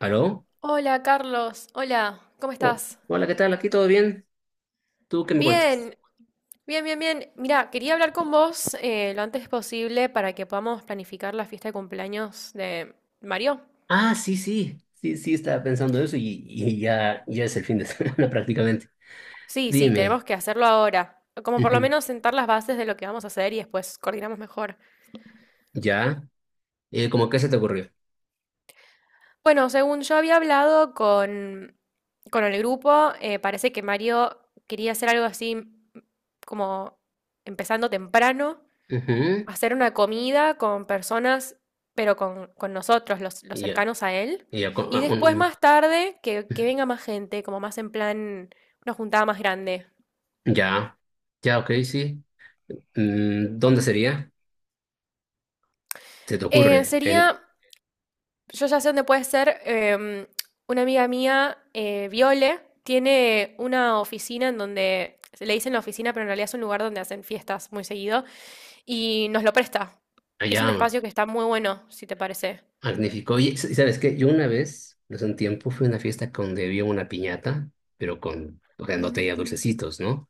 ¿Aló? Hola Carlos, hola, ¿cómo Oh, estás? hola, ¿qué tal? ¿Aquí todo bien? ¿Tú qué me cuentas? Bien, bien, bien, bien. Mira, quería hablar con vos lo antes posible para que podamos planificar la fiesta de cumpleaños de Mario. Ah, sí, sí, sí, sí, estaba pensando eso y ya, ya es el fin de semana prácticamente. Sí, sí, Dime, tenemos que hacerlo ahora, como por lo ujú, menos sentar las bases de lo que vamos a hacer y después coordinamos mejor. ¿ya? ¿Cómo qué se te ocurrió? Bueno, según yo había hablado con el grupo, parece que Mario quería hacer algo así como empezando temprano. Ujú. Hacer una comida con personas, pero con nosotros, los Ya, cercanos a él. ya, Y ah, después más tarde, que venga más gente, como más en plan, una juntada más grande. ya, ya, ok, sí. Mm, ¿dónde sería? ¿Se te ocurre? Sería, yo ya sé dónde puede ser, una amiga mía, Viole, tiene una oficina en donde, le dicen la oficina, pero en realidad es un lugar donde hacen fiestas muy seguido, y nos lo presta. Es un Allá, espacio que está muy bueno, si te parece. magnífico. Oye, ¿sabes qué? Yo una vez, hace un tiempo, fui a una fiesta donde había una piñata, pero o sea, no tenía Mm, dulcecitos, ¿no?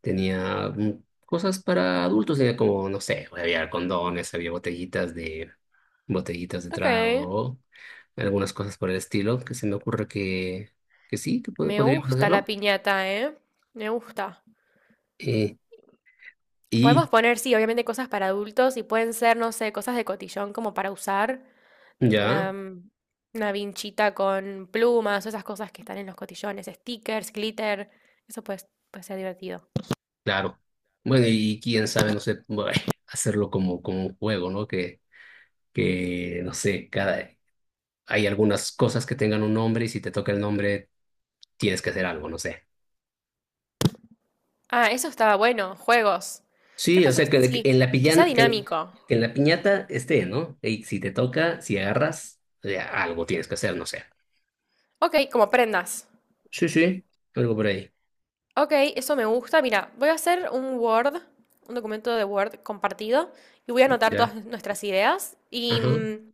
Tenía cosas para adultos, tenía como, no sé, había condones, había botellitas de ok. trago, algunas cosas por el estilo, que se me ocurre que sí, que Me podríamos gusta la hacerlo. piñata, ¿eh? Me gusta. Eh, y Podemos poner, sí, obviamente cosas para adultos y pueden ser, no sé, cosas de cotillón como para usar, tipo ya, una vinchita con plumas, o esas cosas que están en los cotillones, stickers, glitter, eso puede ser divertido. claro. Bueno, y quién sabe, no sé, bueno, hacerlo como un juego, ¿no? Que, no sé, hay algunas cosas que tengan un nombre y si te toca el nombre tienes que hacer algo, no sé. Ah, eso estaba bueno, juegos. Creo Sí, que o sea, que sí, en la que sea pillan, dinámico. que en la piñata esté, ¿no? Y si te toca, si agarras, o sea, algo tienes que hacer, no sé. Ok, como prendas. Sí, sí, algo por ahí. Ok, eso me gusta. Mira, voy a hacer un Word, un documento de Word compartido y voy a anotar Ya. todas nuestras ideas. Ajá.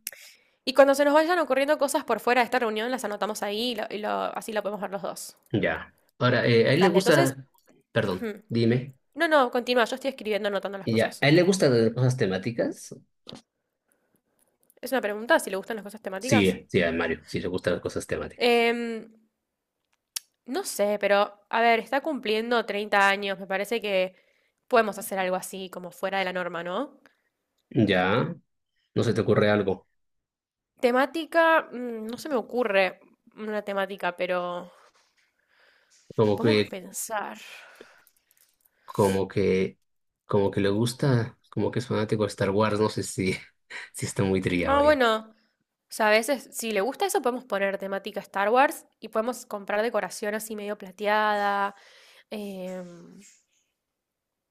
Y cuando se nos vayan ocurriendo cosas por fuera de esta reunión, las anotamos ahí así lo podemos ver los dos. Ya. Ahora, ¿a él le Dale, entonces. gusta, perdón, Ujú. dime. No, no, continúa, yo estoy escribiendo, anotando las Y ya, cosas. ¿a él le gustan las cosas temáticas? Es una pregunta, si le gustan las cosas temáticas. Sí, sí, a Mario, sí le gustan las cosas temáticas. Em, no sé, pero a ver, está cumpliendo 30 años, me parece que podemos hacer algo así, como fuera de la norma, ¿no? Ya, ¿no se te ocurre algo? Temática, no se me ocurre una temática, pero Como podemos que, pensar. como que, como que le gusta, como que es fanático de Star Wars, no sé si, si está muy trillado Ah, ya. bueno. O sea, a veces, si le gusta eso, podemos poner temática Star Wars y podemos comprar decoración así medio plateada. em,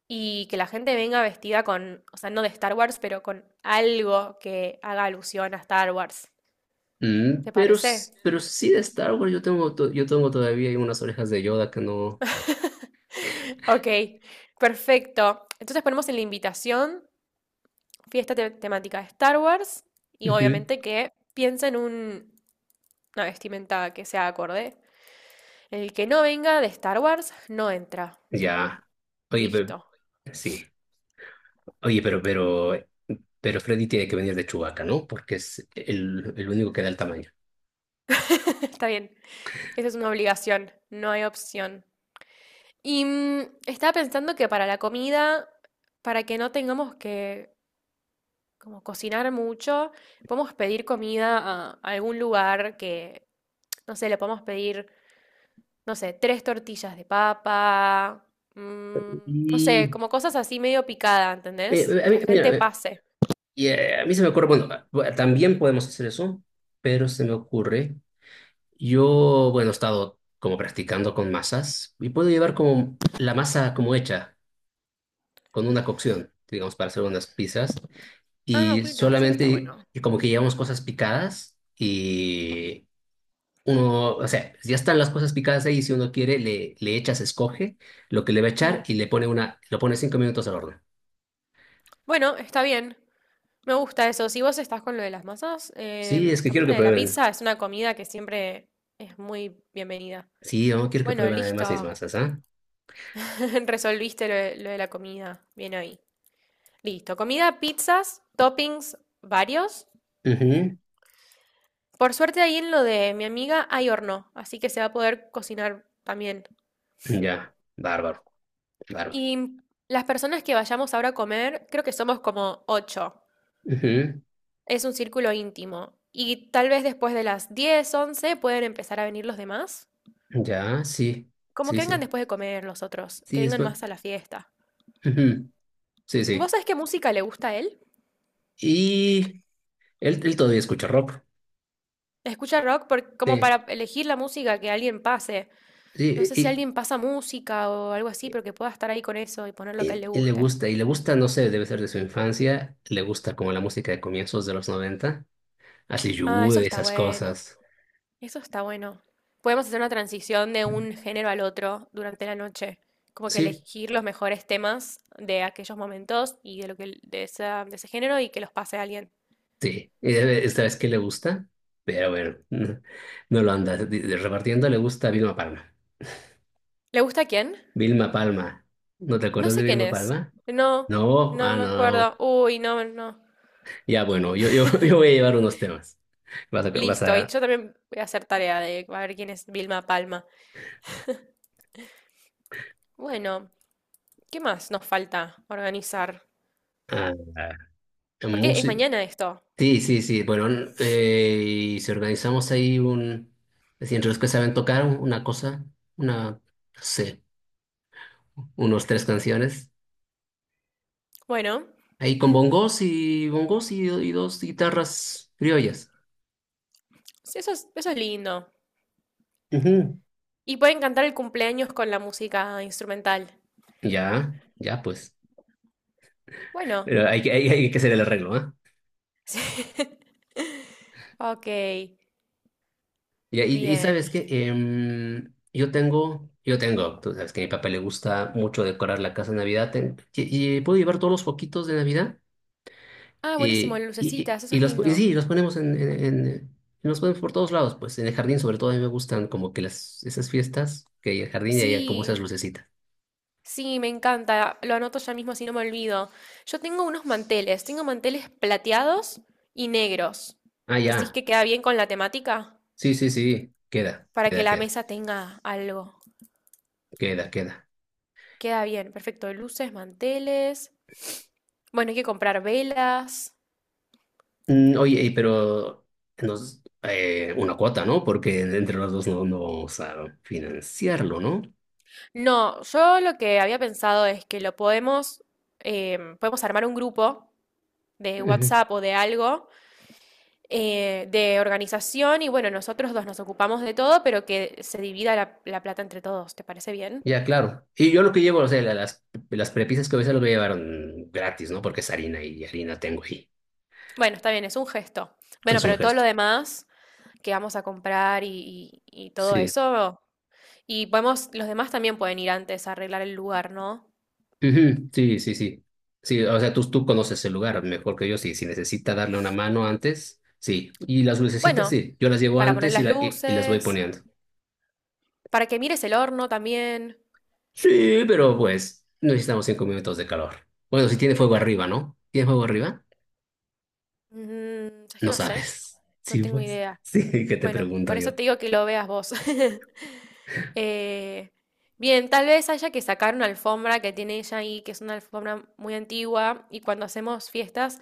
y que la gente venga vestida con, o sea, no de Star Wars, pero con algo que haga alusión a Star Wars. Mm, ¿Te pero, parece? s- pero sí de Star Wars yo tengo, yo tengo todavía unas orejas de Yoda que no... Ok, perfecto. Entonces ponemos en la invitación fiesta temática de Star Wars y Ujú. obviamente que piensen una vestimenta que sea acorde. El que no venga de Star Wars no entra. Ya. Oye, pero... Listo. Sí. Oye, pero Freddy tiene que venir de Chewbacca, ¿no? Porque es el único que da el tamaño. Está bien. Esa es una obligación, no hay opción. Y estaba pensando que para la comida, para que no tengamos que como cocinar mucho, podemos pedir comida a algún lugar que, no sé, le podemos pedir, no sé, tres tortillas de papa, mm, no sé, Y... como cosas así medio picada, ¿entendés? A Que mí, la gente mira, pase. A mí se me ocurre, bueno, también podemos hacer eso, pero se me ocurre, yo, bueno, he estado como practicando con masas y puedo llevar como la masa como hecha, con una cocción, digamos, para hacer unas pizzas. Ah, Y bueno, eso está solamente bueno. como que llevamos cosas picadas y uno, o sea, ya están las cosas picadas ahí, si uno quiere, le echas, escoge lo que le va a echar Mm. y le pone una, lo pone 5 minutos al horno. Bueno, está bien. Me gusta eso. Si vos estás con lo de las masas, Sí, es que quiero que aparte de la prueben. pizza, es una comida que siempre es muy bienvenida. Sí, yo quiero que Bueno, prueben además mis listo. masas, ¿ah? Resolviste lo de la comida. Bien ahí. Listo. Comida, pizzas, toppings, varios. Ujú. Por suerte ahí en lo de mi amiga hay horno, así que se va a poder cocinar también. Ya, bárbaro, bárbaro. Y las personas que vayamos ahora a comer, creo que somos como ocho. Ujú. Es un círculo íntimo. Y tal vez después de las 10, 11 pueden empezar a venir los demás. Ya, sí, Como sí, que vengan sí, después de comer los otros, sí, que vengan después. más a la fiesta. Ujú. Sí, ¿Vos sí. sabés qué música le gusta a él? Y él todavía escucha rock. Escucha rock como Sí, para elegir la música que alguien pase. No sé si sí, alguien pasa música o algo así, pero que pueda estar ahí con eso y poner lo que a él Él, le él le guste. gusta, y le gusta, no sé, debe ser de su infancia, le gusta como la música de comienzos de los 90 así Ah, eso Yude, está esas bueno. cosas. Eso está bueno. Podemos hacer una transición de un género al otro durante la noche. Como que Sí, elegir los mejores temas de aquellos momentos y de lo que de ese género y que los pase a alguien. sí, esta vez que le gusta, pero bueno, no, no lo anda repartiendo, le gusta Vilma Palma. ¿Le gusta a quién? Vilma Palma, ¿no te No acuerdas de sé quién Vilma es. Palma? No, No, no ah, me no. acuerdo. Uy, no, no. Ya bueno, yo voy a llevar unos temas. Vas a, vas Listo, y a, yo también voy a hacer tarea de a ver quién es Vilma Palma. Bueno, ¿qué más nos falta organizar? a, a Porque es música. mañana esto. Sí, sí, sí. Bueno, y si organizamos ahí un... es decir, entre los que saben tocar una cosa, una, no sé, unos tres canciones. Bueno, Ahí con bongos y bongos y dos guitarras criollas. sí, eso es lindo. Ujú. Y pueden cantar el cumpleaños con la música instrumental. Ya, ya pues. Bueno, Pero hay que hacer el arreglo, ¿ah? sí. Ok, Ya. Y sabes bien. qué, yo tengo, tú sabes que a mi papá le gusta mucho decorar la casa de Navidad. Y puedo llevar todos los foquitos de Navidad. Ah, buenísimo, lucecitas, eso es Los, y lindo. sí, los ponemos los ponemos por todos lados, pues en el jardín. Sobre todo a mí me gustan como que esas fiestas que hay en el jardín y hay como Sí, esas lucecitas. sí, me encanta. Lo anoto ya mismo si no me olvido. Yo tengo unos manteles. Tengo manteles plateados y negros. Ah, ¿Decís ya. que queda bien con la temática? Sí, sí, sí, queda, Para que queda, la queda, mesa tenga algo. queda, queda. Queda bien. Perfecto. Luces, manteles. Bueno, hay que comprar velas. Mm, oye, y pero una cuota, ¿no? Porque entre los dos no, no vamos a financiarlo, ¿no? No, yo lo que había pensado es que lo podemos armar un grupo de Ujú. WhatsApp o de algo de organización y bueno, nosotros dos nos ocupamos de todo, pero que se divida la plata entre todos, ¿te parece bien? Ya, claro. Y yo lo que llevo, o sea, las prepisas que a veces lo voy a llevar gratis, ¿no? Porque es harina y harina tengo y Bueno, está bien, es un gesto. Bueno, es un pero todo lo gesto. demás que vamos a comprar y todo Sí. eso, y podemos, los demás también pueden ir antes a arreglar el lugar, ¿no? Ujú. Sí, sí, sí. Sí, o sea, tú conoces el lugar mejor que yo. Sí, si necesita darle una mano antes, sí. Y las lucecitas, Bueno, sí. Yo las llevo para poner antes y, las la- y, y las voy luces, poniendo. para que mires el horno también. Sí, pero pues necesitamos 5 minutos de calor. Bueno, si tiene fuego arriba, ¿no? ¿Tiene fuego arriba? Es que No no sé, sabes. no Sí, tengo pues. idea. Sí, que te Bueno, pregunto por eso yo. te digo que lo veas vos. Eh, Bien, tal vez haya que sacar una alfombra que tiene ella ahí, que es una alfombra muy antigua, y cuando hacemos fiestas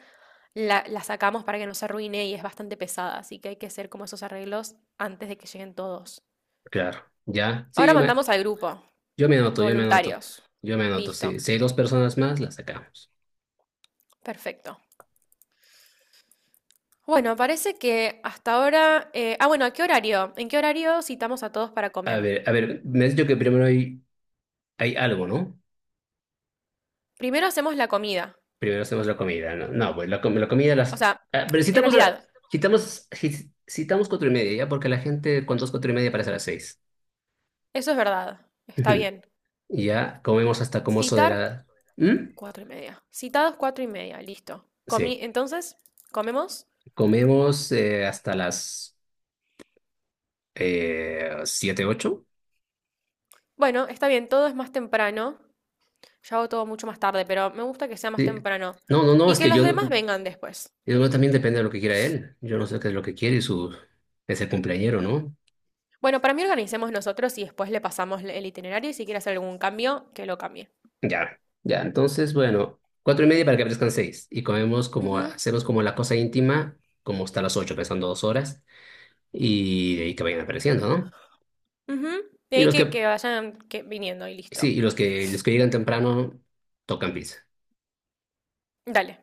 la sacamos para que no se arruine y es bastante pesada, así que hay que hacer como esos arreglos antes de que lleguen todos. Claro. ¿Ya? Sí, Ahora mandamos al grupo, yo me anoto, yo me anoto. voluntarios. Yo me anoto, Listo, sí. Si hay dos personas más, las sacamos. perfecto. Bueno, parece que hasta ahora. Ah, bueno, ¿a qué horario? ¿En qué horario citamos a todos para comer? A ver, me has dicho que primero hay algo, ¿no? Primero hacemos la comida. Primero hacemos la comida, ¿no? No, pues la comida O las... sea, ah, pero en citamos, a realidad, citamos 4:30, ¿ya? Porque la gente cuando es 4:30 parece a las 6. eso es verdad. Ujú. Está bien. Y ya comemos hasta como eso de Citar la... ¿Mm? 4:30. Citados 4:30, listo. Sí, Comí, entonces, ¿comemos? comemos hasta las siete, ocho. Bueno, está bien, todo es más temprano. Yo hago todo mucho más tarde, pero me gusta que sea más Sí. temprano. No, no, no, Y es que que yo, los demás no- vengan después. yo no- también depende de lo que quiera él. Yo no sé qué es lo que quiere y su... Es el cumpleañero, ¿no? Bueno, para mí organicemos nosotros y después le pasamos el itinerario y si quiere hacer algún cambio, que lo cambie. Ya, ya. Entonces, bueno, 4:30 para que aparezcan seis. Y comemos como, Ujú, hacemos como la cosa íntima, como hasta las 8, pasando 2 horas. Y de ahí que vayan apareciendo, ¿no? ujú. De Y ahí los que, que, que vayan que, viniendo y listo. sí, y los que llegan temprano tocan pizza. Dale.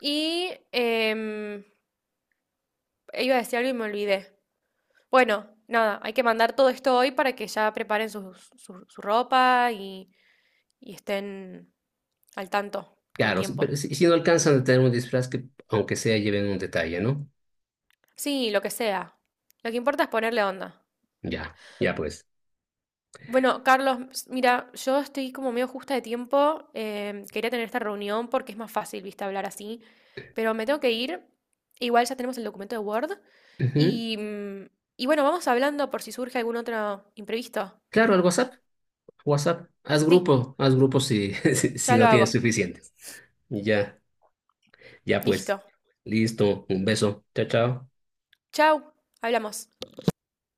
Y iba a decir algo y me olvidé. Bueno, nada, hay que mandar todo esto hoy para que ya preparen su ropa y estén al tanto con Claro, si- tiempo. pero si, si no alcanzan a tener un disfraz que, aunque sea, lleven un detalle, ¿no? Sí, lo que sea. Lo que importa es ponerle onda. Ya, ya pues. Bueno, Carlos, mira, yo estoy como medio justa de tiempo. Quería tener esta reunión porque es más fácil, viste, hablar así. Pero me tengo que ir. Igual ya tenemos el documento de Word. Ujú. Y, mm, y bueno, vamos hablando por si surge algún otro imprevisto. Claro, al WhatsApp. WhatsApp. Sí, Haz grupo si, si, si ya lo no tienes hago. suficientes. Ya, ya pues. Listo. Listo. Un beso. Chao, chao. Chau, hablamos.